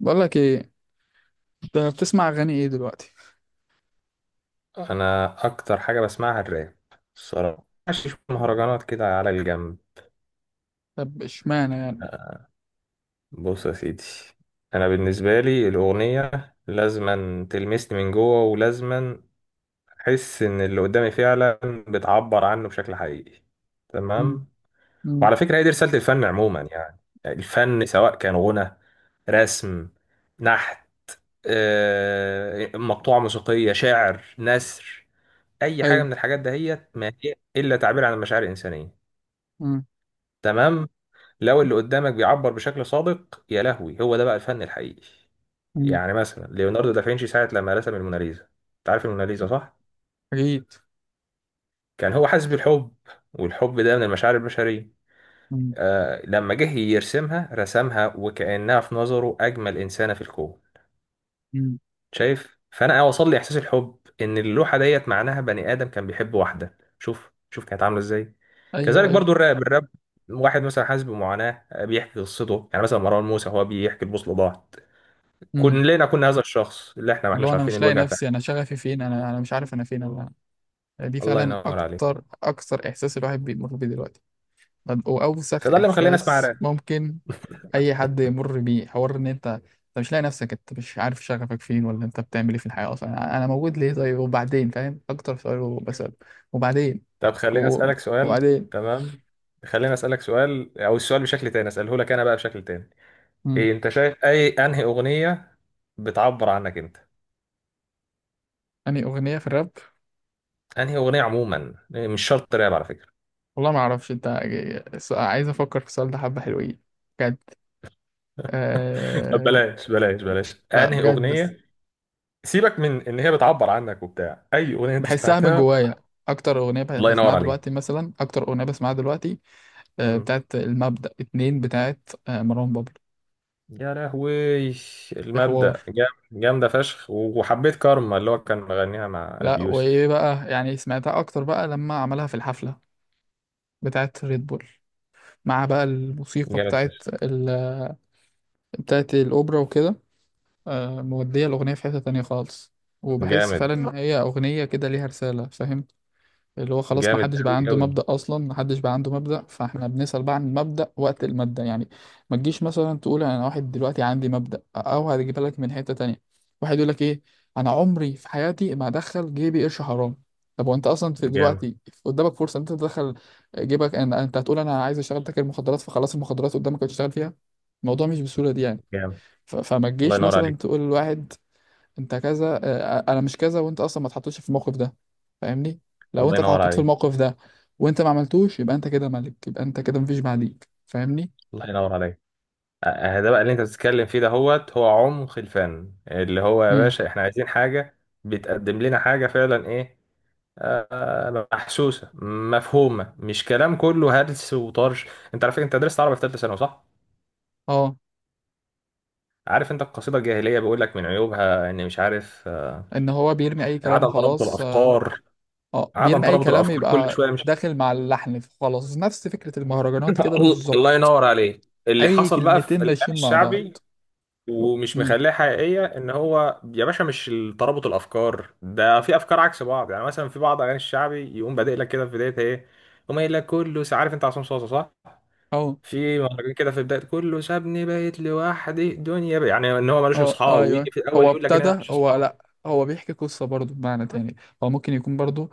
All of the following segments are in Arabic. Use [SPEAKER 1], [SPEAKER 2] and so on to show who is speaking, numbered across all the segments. [SPEAKER 1] بقول لك ايه، انت بتسمع اغاني ايه دلوقتي؟
[SPEAKER 2] انا اكتر حاجه بسمعها الراب. الصراحه ماشي شوية مهرجانات كده على الجنب.
[SPEAKER 1] طب اشمعنى يعني؟
[SPEAKER 2] بص يا سيدي، انا بالنسبه لي الاغنيه لازما تلمسني من جوه، ولازما احس ان اللي قدامي فعلا بتعبر عنه بشكل حقيقي،
[SPEAKER 1] مم.
[SPEAKER 2] تمام.
[SPEAKER 1] مم.
[SPEAKER 2] وعلى فكره هي دي رساله الفن عموما، يعني الفن سواء كان غنى، رسم، نحت، مقطوعه موسيقيه، شعر، نثر، اي حاجه
[SPEAKER 1] ايوه.
[SPEAKER 2] من الحاجات دهيت ما هي الا تعبير عن المشاعر الانسانيه.
[SPEAKER 1] مم.
[SPEAKER 2] تمام. لو اللي قدامك بيعبر بشكل صادق، يا لهوي هو ده بقى الفن الحقيقي.
[SPEAKER 1] مم.
[SPEAKER 2] يعني مثلا ليوناردو دافنشي ساعة لما رسم الموناليزا، انت عارف الموناليزا صح؟
[SPEAKER 1] اكيد.
[SPEAKER 2] كان هو حاسس بالحب، والحب ده من المشاعر البشرية.
[SPEAKER 1] مم.
[SPEAKER 2] آه لما جه يرسمها رسمها وكأنها في نظره أجمل إنسانة في الكون.
[SPEAKER 1] مم.
[SPEAKER 2] شايف، فانا وصل لي احساس الحب ان اللوحه ديت معناها بني ادم كان بيحب واحده، شوف شوف كانت عامله ازاي.
[SPEAKER 1] ايوه،
[SPEAKER 2] كذلك
[SPEAKER 1] ايوه.
[SPEAKER 2] برضو الراب. الراب واحد مثلا حاسس بمعاناه، بيحكي قصته. يعني مثلا مروان موسى هو بيحكي البوصله ضاعت.
[SPEAKER 1] مم.
[SPEAKER 2] كلنا كنا هذا الشخص اللي احنا ما
[SPEAKER 1] اللي هو
[SPEAKER 2] احناش
[SPEAKER 1] انا
[SPEAKER 2] عارفين
[SPEAKER 1] مش لاقي
[SPEAKER 2] الوجع
[SPEAKER 1] نفسي، انا
[SPEAKER 2] بتاعه.
[SPEAKER 1] شغفي فين، انا مش عارف انا فين انا. دي
[SPEAKER 2] الله
[SPEAKER 1] فعلا
[SPEAKER 2] ينور عليك.
[SPEAKER 1] اكتر اكتر احساس الواحد بيمر بيه دلوقتي. طب واوسخ
[SPEAKER 2] فده اللي مخليني اسمع
[SPEAKER 1] احساس
[SPEAKER 2] راب.
[SPEAKER 1] ممكن اي حد يمر بيه، حوار ان انت مش لاقي نفسك، انت مش عارف شغفك فين ولا انت بتعمل ايه في الحياه اصلا، انا موجود ليه؟ طيب وبعدين، فاهم اكتر سؤال بسأله؟ وبعدين؟
[SPEAKER 2] طب خليني
[SPEAKER 1] و...
[SPEAKER 2] اسالك سؤال.
[SPEAKER 1] وبعدين؟
[SPEAKER 2] تمام، خليني اسالك سؤال، او السؤال بشكل تاني اساله لك انا بقى بشكل تاني. إيه انت شايف اي، انهي اغنيه بتعبر عنك انت؟
[SPEAKER 1] أنهي أغنية في الراب؟
[SPEAKER 2] انهي اغنيه عموما، مش شرط راب على فكره.
[SPEAKER 1] والله ما أعرفش أنت. عايز أفكر في السؤال ده، حبة حلوين بجد.
[SPEAKER 2] طب
[SPEAKER 1] أه...
[SPEAKER 2] بلاش بلاش بلاش،
[SPEAKER 1] لا
[SPEAKER 2] انهي
[SPEAKER 1] بجد،
[SPEAKER 2] اغنيه سيبك من ان هي بتعبر عنك وبتاع، اي اغنيه انت
[SPEAKER 1] بحسها من
[SPEAKER 2] سمعتها؟
[SPEAKER 1] جوايا.
[SPEAKER 2] الله ينور عليك.
[SPEAKER 1] أكتر أغنية بسمعها دلوقتي
[SPEAKER 2] مم.
[SPEAKER 1] بتاعت المبدأ اتنين، بتاعت مروان بابلو.
[SPEAKER 2] يا لهوي،
[SPEAKER 1] في حوار،
[SPEAKER 2] المبدأ جامده فشخ، وحبيت كارما اللي هو كان مغنيها مع ابي
[SPEAKER 1] لا وإيه
[SPEAKER 2] يوسف.
[SPEAKER 1] بقى، يعني سمعتها أكتر بقى لما عملها في الحفلة بتاعت ريد بول، مع بقى الموسيقى
[SPEAKER 2] جامد فشخ.
[SPEAKER 1] بتاعت الأوبرا وكده. مودية الأغنية في حتة تانية خالص، وبحس
[SPEAKER 2] جامد.
[SPEAKER 1] فعلا إن هي أغنية كده ليها رسالة، فاهم؟ اللي هو خلاص
[SPEAKER 2] جامد
[SPEAKER 1] محدش بقى
[SPEAKER 2] قوي
[SPEAKER 1] عنده
[SPEAKER 2] قوي.
[SPEAKER 1] مبدأ، أصلا محدش بقى عنده مبدأ، فإحنا بنسأل بقى عن المبدأ وقت المادة يعني. ما تجيش مثلا تقول أنا واحد دلوقتي عندي مبدأ، أو هتجيبها لك من حتة تانية. واحد يقول لك إيه، أنا عمري في حياتي ما أدخل جيبي قرش حرام. طب وأنت أصلا في
[SPEAKER 2] جامد.
[SPEAKER 1] دلوقتي قدامك فرصة إن أنت تدخل جيبك، أنت هتقول أنا عايز أشتغل تاجر مخدرات، فخلاص المخدرات قدامك هتشتغل فيها. الموضوع مش بالسهولة دي يعني.
[SPEAKER 2] جامد.
[SPEAKER 1] فما
[SPEAKER 2] الله
[SPEAKER 1] تجيش
[SPEAKER 2] ينور
[SPEAKER 1] مثلا
[SPEAKER 2] عليك.
[SPEAKER 1] تقول لواحد انت كذا، انا مش كذا، وانت اصلا ما اتحطيتش في الموقف ده، فاهمني؟ لو
[SPEAKER 2] الله
[SPEAKER 1] انت
[SPEAKER 2] ينور
[SPEAKER 1] اتحطيت في
[SPEAKER 2] عليك.
[SPEAKER 1] الموقف ده وانت ما عملتوش، يبقى انت كده ملك، يبقى انت كده مفيش بعديك، فاهمني؟
[SPEAKER 2] الله ينور عليك. ده بقى اللي انت بتتكلم فيه ده، هوت هو عمق الفن. اللي هو يا
[SPEAKER 1] امم.
[SPEAKER 2] باشا احنا عايزين حاجة بتقدم لنا حاجة فعلا، ايه، محسوسة، مفهومة، مش كلام كله هلس وطرش. انت عارف، انت درست عربي في ثالثة ثانوي صح؟
[SPEAKER 1] اه،
[SPEAKER 2] عارف انت القصيدة الجاهلية بيقول لك من عيوبها ان، مش عارف،
[SPEAKER 1] ان هو بيرمي اي كلام
[SPEAKER 2] عدم ترابط
[SPEAKER 1] وخلاص، اه.
[SPEAKER 2] الافكار. عدم
[SPEAKER 1] بيرمي اي
[SPEAKER 2] ترابط
[SPEAKER 1] كلام،
[SPEAKER 2] الافكار كل
[SPEAKER 1] يبقى
[SPEAKER 2] شوية مش،
[SPEAKER 1] داخل مع اللحن خلاص، نفس فكرة المهرجانات كده
[SPEAKER 2] الله
[SPEAKER 1] بالظبط.
[SPEAKER 2] ينور عليك اللي
[SPEAKER 1] اي
[SPEAKER 2] حصل بقى
[SPEAKER 1] كلمتين
[SPEAKER 2] في الأغاني
[SPEAKER 1] ماشيين مع بعض.
[SPEAKER 2] الشعبي، ومش
[SPEAKER 1] امم.
[SPEAKER 2] مخليها حقيقية ان هو يا باشا مش ترابط الافكار، ده في افكار عكس بعض. يعني مثلا في بعض اغاني الشعبي يقوم بادئ لك كده في بداية ايه، يقوم قايل لك كله، عارف انت عصام صاصا صح؟
[SPEAKER 1] اه،
[SPEAKER 2] في مهرجان كده في بداية كله، سابني بقيت لوحدي دنيا بقى. يعني ان هو ملوش
[SPEAKER 1] اه،
[SPEAKER 2] اصحاب،
[SPEAKER 1] ايوه.
[SPEAKER 2] ويجي في الاول
[SPEAKER 1] هو
[SPEAKER 2] يقول لك ان انا
[SPEAKER 1] ابتدى
[SPEAKER 2] ماليش
[SPEAKER 1] هو
[SPEAKER 2] اصحاب.
[SPEAKER 1] لا هو بيحكي قصة برضو بمعنى تاني، هو ممكن يكون برضو،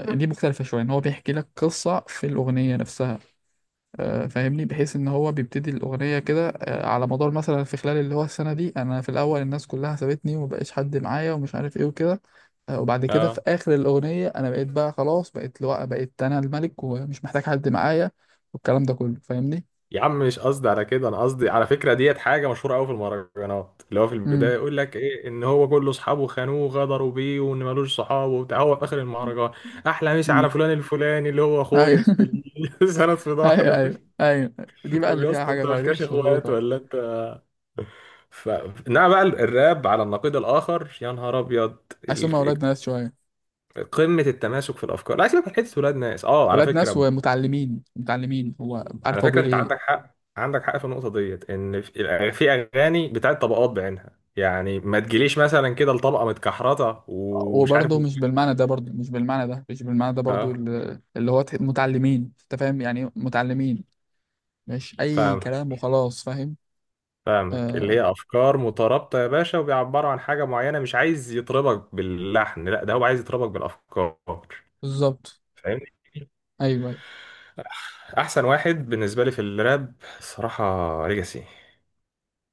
[SPEAKER 1] دي مختلفة شوية ان هو بيحكي لك قصة في الأغنية نفسها. فاهمني؟ بحيث ان هو بيبتدي الأغنية كده، على مدار مثلا في خلال اللي هو السنة دي، انا في الأول الناس كلها سابتني ومبقاش حد معايا ومش عارف ايه وكده. وبعد كده في
[SPEAKER 2] اه.
[SPEAKER 1] آخر الأغنية انا بقيت بقى خلاص، بقيت لو بقيت انا الملك ومش محتاج حد معايا، والكلام ده كله، فاهمني؟
[SPEAKER 2] يا عم مش قصدي على كده، انا قصدي على فكره ديت حاجه مشهوره قوي في المهرجانات، اللي هو في
[SPEAKER 1] امم.
[SPEAKER 2] البدايه يقول لك ايه ان هو كل اصحابه خانوه وغدروا بيه وان ملوش صحاب وبتاع، هو في اخر المهرجان احلى مسا
[SPEAKER 1] امم.
[SPEAKER 2] على فلان الفلاني اللي هو
[SPEAKER 1] ايوه.
[SPEAKER 2] اخويا اللي سند في
[SPEAKER 1] ايوه،
[SPEAKER 2] ظهري.
[SPEAKER 1] ايوه، ايوه. دي بقى
[SPEAKER 2] طب
[SPEAKER 1] اللي
[SPEAKER 2] يا
[SPEAKER 1] فيها
[SPEAKER 2] اسطى
[SPEAKER 1] حاجة
[SPEAKER 2] انت
[SPEAKER 1] غريبة
[SPEAKER 2] مالكاش
[SPEAKER 1] مش
[SPEAKER 2] اخوات
[SPEAKER 1] مظبوطة.
[SPEAKER 2] ولا انت ف... انما بقى الراب على النقيض الاخر، يا نهار ابيض،
[SPEAKER 1] حاسس هم
[SPEAKER 2] ال-
[SPEAKER 1] ولاد ناس شوية.
[SPEAKER 2] قمه التماسك في الافكار. لا سيبك من حته ولاد ناس، اه على
[SPEAKER 1] ولاد ناس
[SPEAKER 2] فكره،
[SPEAKER 1] ومتعلمين، متعلمين هو
[SPEAKER 2] على
[SPEAKER 1] عارف هو
[SPEAKER 2] فكرة
[SPEAKER 1] بيقول
[SPEAKER 2] انت
[SPEAKER 1] ايه.
[SPEAKER 2] عندك حق، عندك حق في النقطة ديت. ان في اغاني بتاعت طبقات بعينها، يعني ما تجيليش مثلا كده لطبقة متكحرطة ومش عارف
[SPEAKER 1] وبرضه
[SPEAKER 2] إيه.
[SPEAKER 1] مش بالمعنى ده برضه مش بالمعنى ده مش بالمعنى ده برضه،
[SPEAKER 2] اه،
[SPEAKER 1] متعلمين، انت فاهم يعني، متعلمين، مش اي كلام
[SPEAKER 2] فاهمك.
[SPEAKER 1] وخلاص، فاهم؟
[SPEAKER 2] فاهمك اللي
[SPEAKER 1] آه،
[SPEAKER 2] هي افكار مترابطة يا باشا، وبيعبروا عن حاجة معينة، مش عايز يطربك باللحن، لا ده هو عايز يطربك بالافكار.
[SPEAKER 1] بالظبط.
[SPEAKER 2] فاهمني.
[SPEAKER 1] ايوه، ايوه.
[SPEAKER 2] احسن واحد بالنسبة لي في الراب صراحة ليجاسي.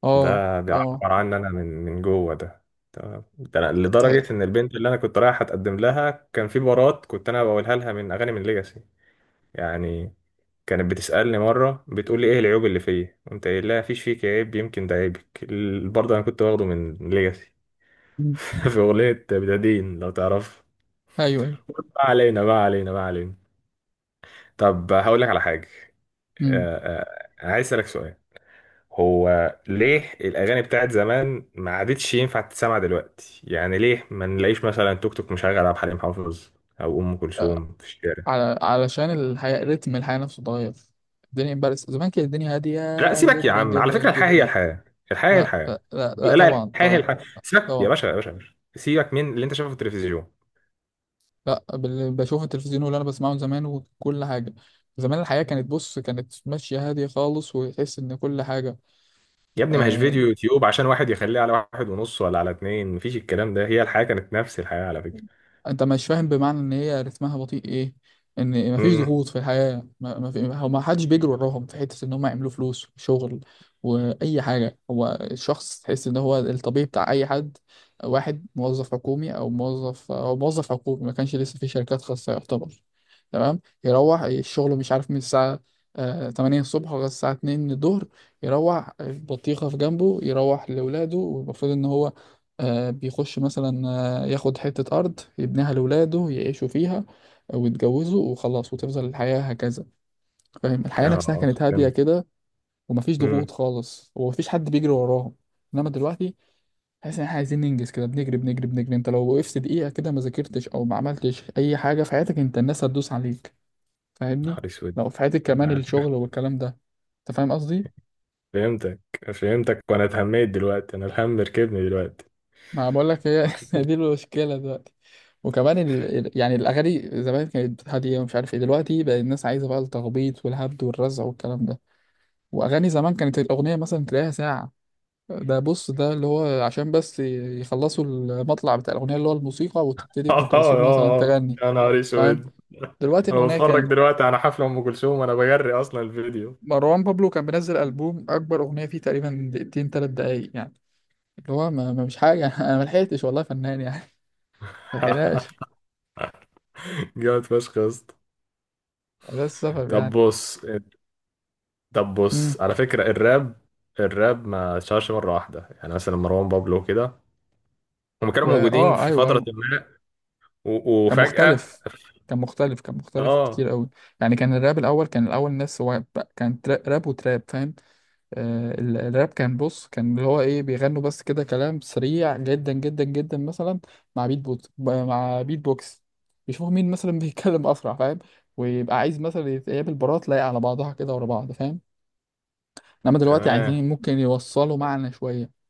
[SPEAKER 1] اه،
[SPEAKER 2] ده
[SPEAKER 1] اه.
[SPEAKER 2] بيعبر عني انا من جوه ده. تمام، ده أنا
[SPEAKER 1] ته-
[SPEAKER 2] لدرجه ان البنت اللي انا كنت رايح اتقدم لها كان في بارات كنت انا بقولها لها من اغاني من ليجاسي، يعني. كانت بتسالني مره بتقول لي ايه العيوب اللي فيا، قمت قايل لها مفيش فيك عيب يمكن ده عيبك، برضه انا كنت واخده من ليجاسي.
[SPEAKER 1] مم.
[SPEAKER 2] في اغنيه بدادين لو تعرف.
[SPEAKER 1] ايوه، ايوه.
[SPEAKER 2] ما علينا، ما علينا، ما علينا. طب هقول لك على حاجه.
[SPEAKER 1] مم.
[SPEAKER 2] آه، عايز اسالك سؤال. هو ليه الأغاني بتاعت زمان ما عادتش ينفع تتسمع دلوقتي؟ يعني ليه ما نلاقيش مثلا توك توك مشغل عبد الحليم حافظ أو أم
[SPEAKER 1] آه،
[SPEAKER 2] كلثوم في الشارع؟
[SPEAKER 1] على علشان الحياه، رتم الحياه نفسه اتغير. الدنيا امبارح زمان كانت الدنيا هاديه
[SPEAKER 2] لا سيبك يا
[SPEAKER 1] جدا
[SPEAKER 2] عم، على
[SPEAKER 1] جدا
[SPEAKER 2] فكرة الحياة هي
[SPEAKER 1] جدا.
[SPEAKER 2] الحياة. الحياة هي
[SPEAKER 1] لا، لا،
[SPEAKER 2] الحياة.
[SPEAKER 1] لا،
[SPEAKER 2] لا
[SPEAKER 1] لا،
[SPEAKER 2] لا،
[SPEAKER 1] طبعا،
[SPEAKER 2] الحياة هي
[SPEAKER 1] طبعا،
[SPEAKER 2] الحياة. سيبك يا
[SPEAKER 1] طبعا.
[SPEAKER 2] باشا يا باشا يا باشا، سيبك من اللي أنت شايفه في التلفزيون.
[SPEAKER 1] لا، بشوف التلفزيون واللي انا بسمعه زمان وكل حاجه. زمان الحياه كانت، بص، كانت ماشيه هاديه خالص، وتحس ان كل حاجه.
[SPEAKER 2] يا ابني ما هيش
[SPEAKER 1] آه،
[SPEAKER 2] فيديو يوتيوب عشان واحد يخليه على واحد ونص ولا على اتنين، مفيش الكلام ده، هي الحياة كانت نفس الحياة على فكرة.
[SPEAKER 1] انت مش فاهم، بمعنى ان هي رتمها بطيء ايه، ان مفيش
[SPEAKER 2] امم.
[SPEAKER 1] ضغوط في الحياه، ما في، هو ما حدش بيجري وراهم في حته ان هم يعملوا فلوس شغل واي حاجه، هو الشخص تحس ان هو الطبيعي بتاع اي حد. واحد موظف حكومي، او موظف، او موظف حكومي، ما كانش لسه في شركات خاصه يعتبر. تمام، يروح الشغل مش عارف من الساعه 8 الصبح لغايه الساعه 2 الظهر، يروح البطيخه في جنبه، يروح لاولاده، والمفروض ان هو بيخش مثلا ياخد حتة أرض يبنيها لولاده يعيشوا فيها ويتجوزوا وخلاص، وتفضل الحياة هكذا. فاهم؟ الحياة نفسها
[SPEAKER 2] اه
[SPEAKER 1] كانت هادية
[SPEAKER 2] فهمت.
[SPEAKER 1] كده، ومفيش
[SPEAKER 2] امم.
[SPEAKER 1] ضغوط خالص، ومفيش حد بيجري وراهم. إنما دلوقتي تحس إن إحنا عايزين ننجز كده، بنجري، بنجري، بنجري. أنت لو وقفت دقيقة كده، ما ذاكرتش أو ما عملتش أي حاجة في حياتك، أنت الناس هتدوس عليك، فاهمني؟
[SPEAKER 2] نهار اسود.
[SPEAKER 1] لو في حياتك كمان الشغل والكلام ده. أنت فاهم قصدي؟
[SPEAKER 2] فهمتك. فهمتك، وانا اتهميت دلوقتي، انا الهم ركبني دلوقتي.
[SPEAKER 1] ما بقول لك، هي هي دي المشكله دلوقتي. وكمان يعني الاغاني زمان كانت هاديه ومش عارف ايه، دلوقتي بقى الناس عايزه بقى التخبيط والهبد والرزع والكلام ده. واغاني زمان كانت الاغنيه مثلا تلاقيها ساعه. ده بص، ده اللي هو عشان بس يخلصوا المطلع بتاع الاغنيه اللي هو الموسيقى، وتبتدي ام
[SPEAKER 2] اه
[SPEAKER 1] كلثوم
[SPEAKER 2] اه
[SPEAKER 1] مثلا
[SPEAKER 2] اه،
[SPEAKER 1] تغني،
[SPEAKER 2] يا نهار
[SPEAKER 1] فاهم؟
[SPEAKER 2] اسود،
[SPEAKER 1] دلوقتي
[SPEAKER 2] انا
[SPEAKER 1] الاغنيه
[SPEAKER 2] بتفرج
[SPEAKER 1] كام؟
[SPEAKER 2] دلوقتي على حفله ام كلثوم وانا بجري اصلا الفيديو.
[SPEAKER 1] مروان بابلو كان بينزل البوم اكبر اغنيه فيه تقريبا دقيقتين ثلاث دقايق يعني، اللي هو مش حاجه. انا ما لحقتش والله يا فنان يعني، ما لحقناش.
[SPEAKER 2] جامد فشخ يا اسطى.
[SPEAKER 1] ده السبب
[SPEAKER 2] طب بص، طب
[SPEAKER 1] يعني.
[SPEAKER 2] بص، على فكره الراب، الراب ما اتشهرش مره واحده. يعني مثلا مروان بابلو كده، هم كانوا موجودين في
[SPEAKER 1] ايوه،
[SPEAKER 2] فتره
[SPEAKER 1] ايوه.
[SPEAKER 2] ما و-
[SPEAKER 1] كان
[SPEAKER 2] وفجاه
[SPEAKER 1] مختلف، كان مختلف، كان مختلف
[SPEAKER 2] اه.
[SPEAKER 1] كتير قوي. يعني كان الراب الاول، كان الاول الناس هو بقى- كان ترا- راب وتراب، فاهم؟ الراب كان، بص، كان اللي هو ايه، بيغنوا بس كده كلام سريع جدا جدا جدا، مثلا مع بيت بوكس، مع بيت بوكس، يشوفوا مين مثلا بيتكلم اسرع، فاهم؟ ويبقى عايز مثلا يتقابل برات لايق على بعضها كده ورا بعض، فاهم؟ انما دلوقتي
[SPEAKER 2] تمام،
[SPEAKER 1] عايزين ممكن يوصلوا معنى شويه.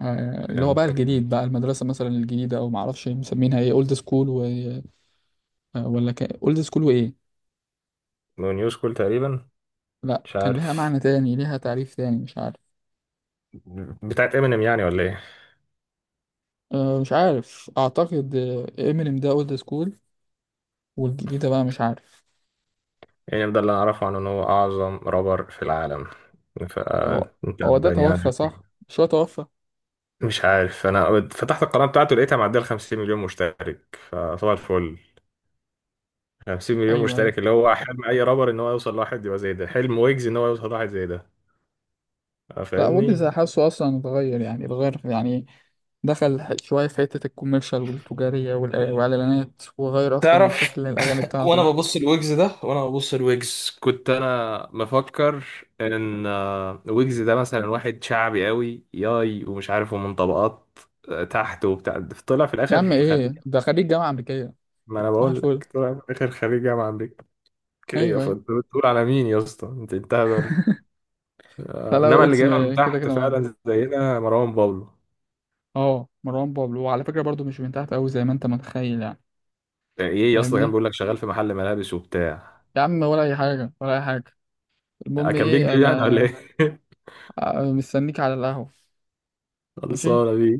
[SPEAKER 1] آه، اللي هو بقى
[SPEAKER 2] فهمتك.
[SPEAKER 1] الجديد، بقى المدرسه مثلا الجديده، او معرفش مسمينها ايه، اولد سكول، ولا كان اولد سكول وايه.
[SPEAKER 2] نو نيوز كول تقريبا.
[SPEAKER 1] لا
[SPEAKER 2] مش
[SPEAKER 1] كان ليها
[SPEAKER 2] عارف،
[SPEAKER 1] معنى تاني، ليها تعريف تاني مش عارف.
[SPEAKER 2] بتاعت امينيم يعني ولا ايه؟
[SPEAKER 1] أه مش عارف اعتقد. امينيم ده اولد سكول، والجديد ده بقى مش عارف.
[SPEAKER 2] يعني ده اللي أعرفه عنه إن هو أعظم رابر في العالم،
[SPEAKER 1] هو
[SPEAKER 2] فأنت
[SPEAKER 1] هو ده
[SPEAKER 2] يعني.
[SPEAKER 1] توفى صح؟ مش هو توفى؟
[SPEAKER 2] مش عارف، أنا فتحت القناة بتاعته لقيتها معدية ال 50 مليون مشترك، فصباح الفل. 50 مليون
[SPEAKER 1] ايوه، ايوه.
[SPEAKER 2] مشترك، اللي هو حلم أي رابر إن هو يوصل لواحد يبقى زي ده، حلم ويجز إن هو يوصل لواحد زي ده.
[SPEAKER 1] لا ويجز
[SPEAKER 2] فاهمني؟
[SPEAKER 1] حاسه اصلا اتغير يعني، اتغير يعني، دخل شويه في حته الكوميرشال والتجاريه والاعلانات، وغير اصلا من
[SPEAKER 2] تعرف،
[SPEAKER 1] شكل الاغاني
[SPEAKER 2] وانا
[SPEAKER 1] بتاعته.
[SPEAKER 2] ببص الويجز ده، وانا ببص الويجز كنت انا مفكر ان ويجز ده مثلا واحد شعبي قوي ياي ومش عارف، ومن طبقات تحت وبتاع، طلع في
[SPEAKER 1] يا عم،
[SPEAKER 2] الاخر.
[SPEAKER 1] ايه ده خريج جامعه امريكيه.
[SPEAKER 2] ما انا
[SPEAKER 1] صح
[SPEAKER 2] بقول
[SPEAKER 1] الفل.
[SPEAKER 2] لك طلع في الاخر خريج جامعه امريكيه،
[SPEAKER 1] ايوه، ايوه.
[SPEAKER 2] فانت بتقول على مين يا اسطى، انت انت هبل.
[SPEAKER 1] لا لا،
[SPEAKER 2] انما اللي
[SPEAKER 1] ويجز
[SPEAKER 2] جايبها من
[SPEAKER 1] كده
[SPEAKER 2] تحت
[SPEAKER 1] كده معدي.
[SPEAKER 2] فعلا زينا مروان بابلو.
[SPEAKER 1] اه، مروان بابلو وعلى فكرة برضو مش من تحت أوي زي ما أنت متخيل يعني،
[SPEAKER 2] ايه يا اسطى كان
[SPEAKER 1] فاهمني؟
[SPEAKER 2] بيقول لك شغال في محل ملابس وبتاع.
[SPEAKER 1] يا عم ولا أي حاجة ولا أي حاجة. المهم
[SPEAKER 2] كان
[SPEAKER 1] إيه
[SPEAKER 2] بيكذب يعني ولا
[SPEAKER 1] أنا،
[SPEAKER 2] ايه؟
[SPEAKER 1] مستنيك على القهوة. ماشي.
[SPEAKER 2] خلصانه بيه.